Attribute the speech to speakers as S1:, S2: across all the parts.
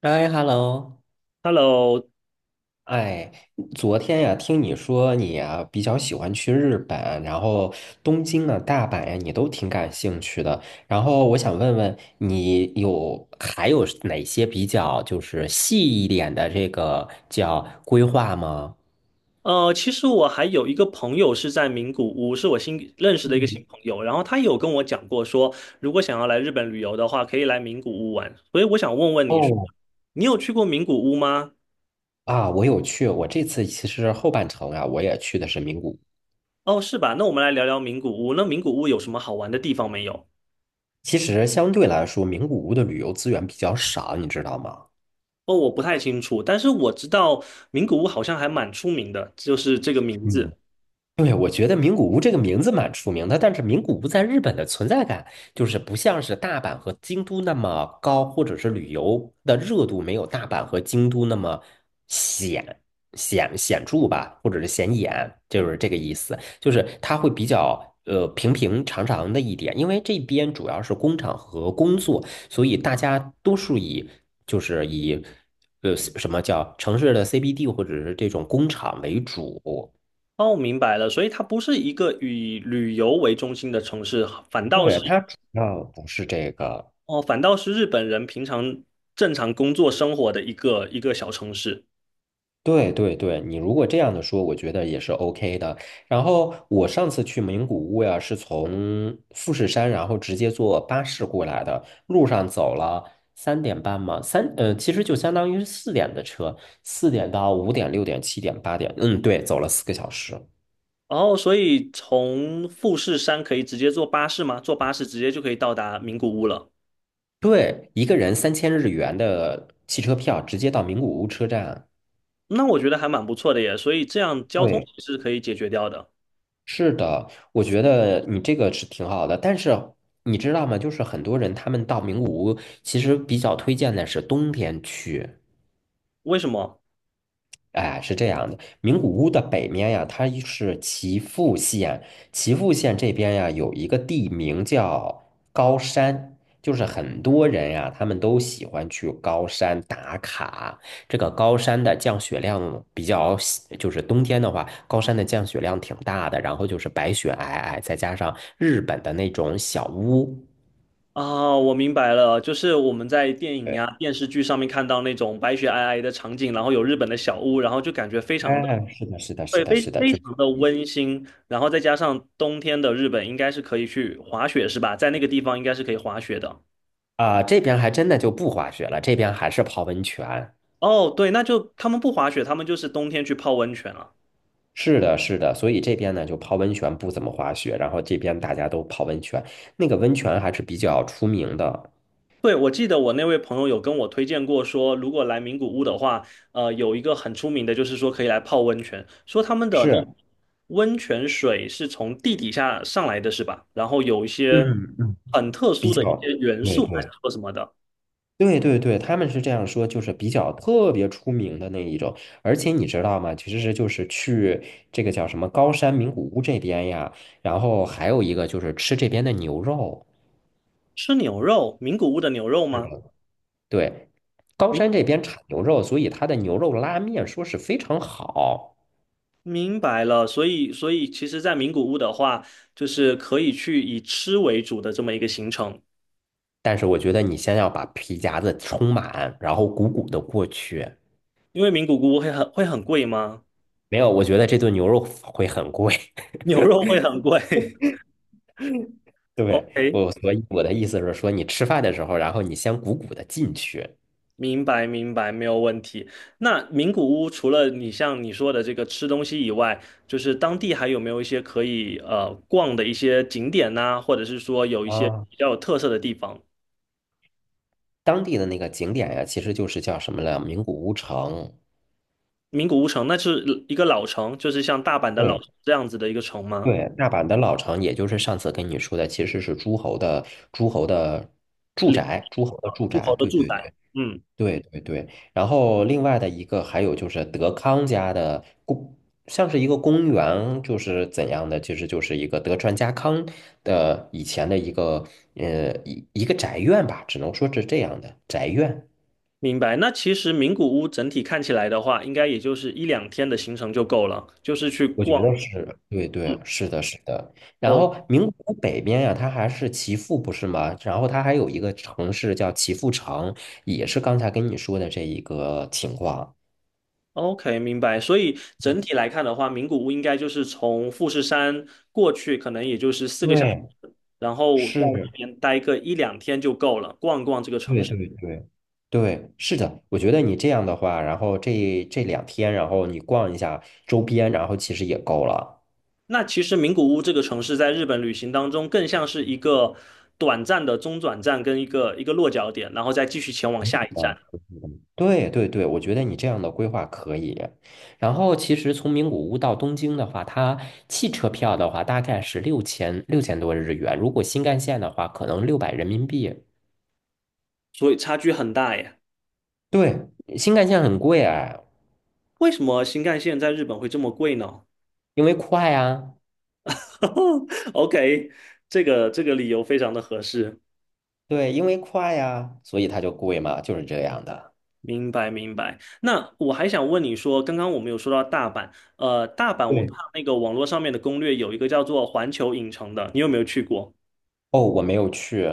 S1: 哎，hello，
S2: Hello。
S1: 哎，昨天呀，听你说你啊比较喜欢去日本，然后东京啊、大阪呀，你都挺感兴趣的。然后我想问问你有还有哪些比较就是细一点的这个叫规划吗？
S2: 其实我还有一个朋友是在名古屋，是我新认识的一个新
S1: 嗯，
S2: 朋友，然后他有跟我讲过说，如果想要来日本旅游的话，可以来名古屋玩。所以我想问问你，
S1: 哦，
S2: 你有去过名古屋吗？
S1: 啊，我有去，我这次其实后半程啊，我也去的是名古屋。
S2: 哦，是吧？那我们来聊聊名古屋。那名古屋有什么好玩的地方没有？
S1: 其实相对来说，名古屋的旅游资源比较少，你知道吗？
S2: 哦，我不太清楚，但是我知道名古屋好像还蛮出名的，就是这个名
S1: 嗯。
S2: 字。
S1: 对，我觉得名古屋这个名字蛮出名的，但是名古屋在日本的存在感就是不像是大阪和京都那么高，或者是旅游的热度没有大阪和京都那么显显著吧，或者是显眼，就是这个意思。就是它会比较平平常常的一点，因为这边主要是工厂和工作，所以大家多数以就是以什么叫城市的 CBD 或者是这种工厂为主。
S2: 哦，明白了，所以它不是一个以旅游为中心的城市，反倒是。
S1: 对，它主要不是这个。
S2: 哦，反倒是日本人平常正常工作生活的一个小城市。
S1: 对对对，你如果这样的说，我觉得也是 OK 的。然后我上次去名古屋呀，是从富士山，然后直接坐巴士过来的，路上走了3点半嘛，其实就相当于是四点的车，4点到5点、6点、7点、8点，嗯，对，走了4个小时。
S2: 然后，所以从富士山可以直接坐巴士吗？坐巴士直接就可以到达名古屋了。
S1: 对，一个人3000日元的汽车票，直接到名古屋车站。
S2: 那我觉得还蛮不错的耶，所以这样交通
S1: 对，
S2: 也是可以解决掉的。
S1: 是的，我觉得你这个是挺好的，但是你知道吗？就是很多人他们到名古屋，其实比较推荐的是冬天去。
S2: 为什么？
S1: 哎，是这样的，名古屋的北面呀，它是岐阜县，岐阜县这边呀有一个地名叫高山，就是很多人呀，他们都喜欢去高山打卡。这个高山的降雪量比较喜就是冬天的话，高山的降雪量挺大的，然后就是白雪皑皑，再加上日本的那种小屋。
S2: 啊、我明白了，就是我们在电影
S1: 对，
S2: 呀、电视剧上面看到那种白雪皑皑的场景，然后有日本的小屋，然后就感觉非常的。
S1: 哎，是的，是的，是
S2: 对，
S1: 的，
S2: 非
S1: 是的，
S2: 非常的温馨，然后再加上冬天的日本应该是可以去滑雪，是吧？在那个地方应该是可以滑雪的。
S1: 这边还真的就不滑雪了，这边还是泡温泉。
S2: 哦，对，那就他们不滑雪，他们就是冬天去泡温泉了。
S1: 是的，是的，所以这边呢就泡温泉不怎么滑雪，然后这边大家都泡温泉，那个温泉还是比较出名的，
S2: 对，我记得我那位朋友有跟我推荐过说，如果来名古屋的话，有一个很出名的，就是说可以来泡温泉，说他们的那
S1: 是，
S2: 温泉水是从地底下上来的，是吧？然后有一些
S1: 嗯嗯，
S2: 很特
S1: 比
S2: 殊的一些
S1: 较，
S2: 元
S1: 对
S2: 素，还是
S1: 对
S2: 说什么的？
S1: 对对对，他们是这样说，就是比较特别出名的那一种，而且你知道吗？其实就是去这个叫什么高山名古屋这边呀，然后还有一个就是吃这边的牛肉，
S2: 吃牛肉，名古屋的牛肉
S1: 是的，
S2: 吗？
S1: 对，高
S2: 名。
S1: 山这边产牛肉，所以它的牛肉拉面说是非常好。
S2: 明白了，所以其实，在名古屋的话，就是可以去以吃为主的这么一个行程，
S1: 但是我觉得你先要把皮夹子充满，然后鼓鼓的过去。
S2: 因为名古屋会很贵吗？
S1: 没有，我觉得这顿牛肉会很贵。
S2: 牛肉会很贵
S1: 对，
S2: ？OK，
S1: 我，所以我的意思是说，你吃饭的时候，然后你先鼓鼓的进去。
S2: 明白明白，没有问题。那名古屋除了你像你说的这个吃东西以外，就是当地还有没有一些可以逛的一些景点呐、或者是说有一些
S1: 啊，
S2: 比较有特色的地方？
S1: 当地的那个景点呀，其实就是叫什么了？名古屋城。
S2: 名古屋城那是一个老城，就是像大阪的老
S1: 对
S2: 城这样子的一个城吗？
S1: 对，大阪的老城，也就是上次跟你说的，其实是诸侯的住
S2: 里
S1: 宅，诸侯的
S2: 啊，
S1: 住
S2: 诸
S1: 宅。
S2: 侯的
S1: 对
S2: 住
S1: 对
S2: 宅，
S1: 对。
S2: 嗯。
S1: 对对对，然后另外的一个还有就是德康家的公，像是一个公园，就是怎样的，其实就是一个德川家康的以前的一个一个宅院吧，只能说是这样的宅院。
S2: 明白。那其实名古屋整体看起来的话，应该也就是一两天的行程就够了，就是去
S1: 我觉得
S2: 逛。
S1: 是，对
S2: 嗯，
S1: 对，是的，是的。然
S2: 哦
S1: 后名古屋北边呀、它还是岐阜，不是吗？然后它还有一个城市叫岐阜城，也是刚才跟你说的这一个情况。
S2: ，OK，明白。所以整体来看的话，名古屋应该就是从富士山过去，可能也就是4个小时，
S1: 对，
S2: 然后在那
S1: 是。
S2: 边待个一两天就够了，逛逛这个城
S1: 对
S2: 市。
S1: 对对对，是的，我觉得你这样的话，然后这两天，然后你逛一下周边，然后其实也够了。
S2: 那其实名古屋这个城市在日本旅行当中，更像是一个短暂的中转站跟一个落脚点，然后再继续前往下一
S1: 啊，
S2: 站，
S1: 对对对，我觉得你这样的规划可以。然后其实从名古屋到东京的话，它汽车票的话大概是六千多日元，如果新干线的话，可能600人民币。
S2: 所以差距很大耶。
S1: 对，新干线很贵哎，
S2: 为什么新干线在日本会这么贵呢
S1: 因为快啊，
S2: ？OK，这个这个理由非常的合适，
S1: 对，因为快啊，所以它就贵嘛，就是这样的。
S2: 明白明白。那我还想问你说，刚刚我们有说到大阪，大阪我
S1: 对，
S2: 看那个网络上面的攻略有一个叫做环球影城的，你有没有去过？
S1: 哦，我没有去。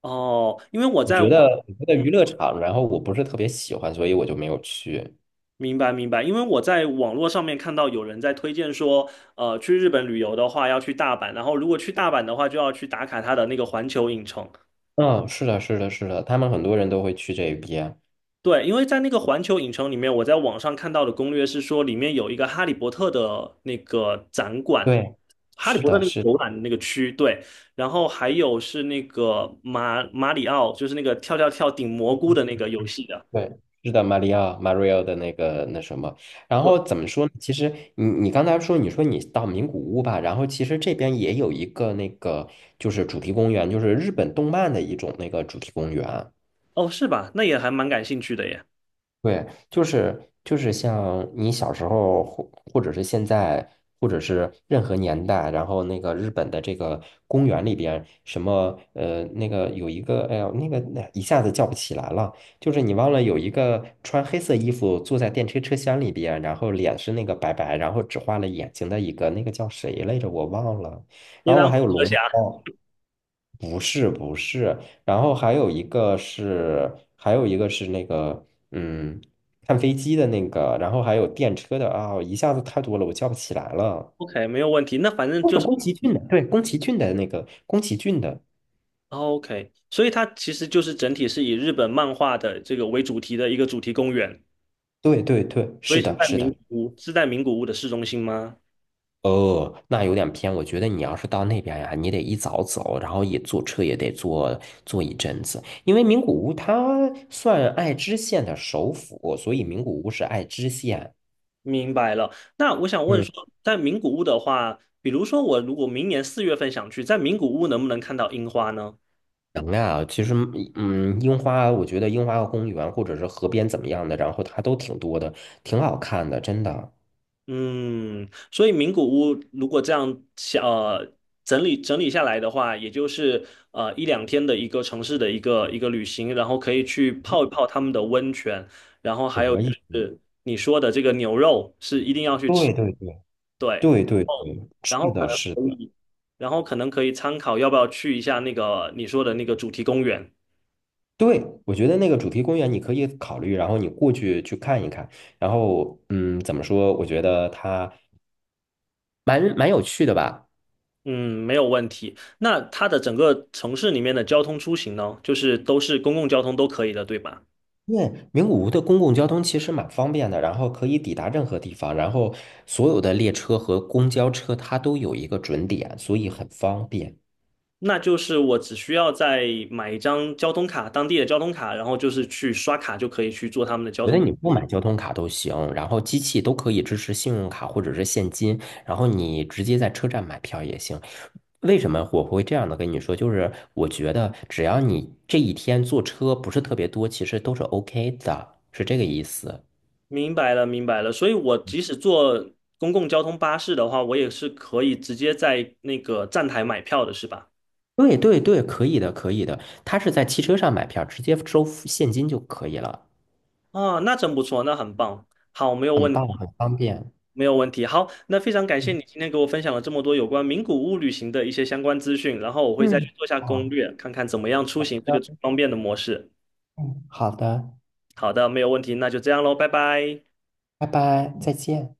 S2: 哦，因为我
S1: 我
S2: 在
S1: 觉
S2: 网，
S1: 得我觉得
S2: 嗯，
S1: 娱乐场，然后我不是特别喜欢，所以我就没有去。
S2: 明白明白，因为我在网络上面看到有人在推荐说，去日本旅游的话要去大阪，然后如果去大阪的话就要去打卡它的那个环球影城。
S1: 嗯，是的，是的，是的，他们很多人都会去这边。
S2: 对，因为在那个环球影城里面，我在网上看到的攻略是说，里面有一个哈利波特的那个展馆，
S1: 对，
S2: 哈利
S1: 是
S2: 波特
S1: 的，
S2: 那个
S1: 是的，
S2: 游览的那个区，对，然后还有是那个马马里奥，就是那个跳跳跳顶蘑菇的那个游戏的，
S1: 对，是的，马里奥，马里奥的那个那什么。然
S2: 对，
S1: 后怎么说呢？其实你刚才说，你说你到名古屋吧，然后其实这边也有一个那个就是主题公园，就是日本动漫的一种那个主题公园。
S2: 哦，是吧？那也还蛮感兴趣的耶。
S1: 对，就是就是像你小时候，或者是现在，或者是任何年代，然后那个日本的这个公园里边，什么那个有一个，哎呀，那个那一下子叫不起来了，就是你忘了有一个穿黑色衣服坐在电车车厢里边，然后脸是那个白白，然后只画了眼睛的一个，那个叫谁来着？我忘了。
S2: 你
S1: 然后
S2: 当
S1: 还有
S2: 蛇
S1: 龙
S2: 侠
S1: 猫。不是不是，然后还有一个是，还有一个是那个，嗯，看飞机的那个，然后还有电车的啊，一下子太多了，我叫不起来了。
S2: ，OK，没有问题。那反正
S1: 都
S2: 就
S1: 是
S2: 是
S1: 宫崎骏的，对，宫崎骏的那个，宫崎骏的，
S2: 哦 OK，所以它其实就是整体是以日本漫画的这个为主题的一个主题公园，
S1: 对对对，
S2: 所以
S1: 是
S2: 是
S1: 的，
S2: 在
S1: 是
S2: 名
S1: 的。
S2: 古屋，是在名古屋的市中心吗？
S1: 哦，那有点偏，我觉得你要是到那边呀，你得一早走，然后也坐车也得坐一阵子，因为名古屋它算爱知县的首府，所以名古屋是爱知县。
S2: 明白了。那我想问
S1: 嗯。
S2: 说，在名古屋的话，比如说我如果明年4月份想去，在名古屋能不能看到樱花呢？
S1: 能啊，其实，嗯，嗯樱花，我觉得樱花公园或者是河边怎么样的，然后它都挺多的，挺好看的，真的。
S2: 嗯，所以名古屋如果这样想，整理整理下来的话，也就是一两天的一个城市的一个旅行，然后可以去泡一泡他们的温泉，然后还有
S1: 可
S2: 就
S1: 以。
S2: 是你说的这个牛肉是一定要去吃，
S1: 对对对
S2: 对，
S1: 对对
S2: 哦，
S1: 对，
S2: 然
S1: 是
S2: 后可
S1: 的，
S2: 能
S1: 是
S2: 可
S1: 的，
S2: 以。然后可能可以参考要不要去一下那个你说的那个主题公园。
S1: 对，我觉得那个主题公园你可以考虑，然后你过去去看一看，然后，嗯，怎么说？我觉得它蛮有趣的吧。
S2: 嗯，没有问题。那它的整个城市里面的交通出行呢，就是都是公共交通都可以的，对吧？
S1: 因为名古屋的公共交通其实蛮方便的，然后可以抵达任何地方，然后所有的列车和公交车它都有一个准点，所以很方便。
S2: 那就是我只需要再买一张交通卡，当地的交通卡，然后就是去刷卡就可以去做他们的交
S1: 觉得
S2: 通工
S1: 你不买交通卡都行，然后机器都可以支持信用卡或者是现金，然后你直接在车站买票也行。为什么我会这样的跟你说？就是我觉得只要你这一天坐车不是特别多，其实都是 OK 的，是这个意思。
S2: 明白了，明白了。所以我即使坐公共交通巴士的话，我也是可以直接在那个站台买票的，是吧？
S1: 对对对，可以的，可以的。他是在汽车上买票，直接收付现金就可以了，
S2: 啊，那真不错，那很棒。好，没有
S1: 很
S2: 问
S1: 棒，
S2: 题，
S1: 很方便。
S2: 没有问题。好，那非常感谢
S1: 嗯
S2: 你今天给我分享了这么多有关名古屋旅行的一些相关资讯，然后我会再
S1: 嗯，
S2: 去做下攻
S1: 好
S2: 略，看看怎么样出行这个最
S1: 的，
S2: 方便的模式。
S1: 嗯好的，
S2: 好的，没有问题，那就这样喽，拜拜。
S1: 拜拜，再见。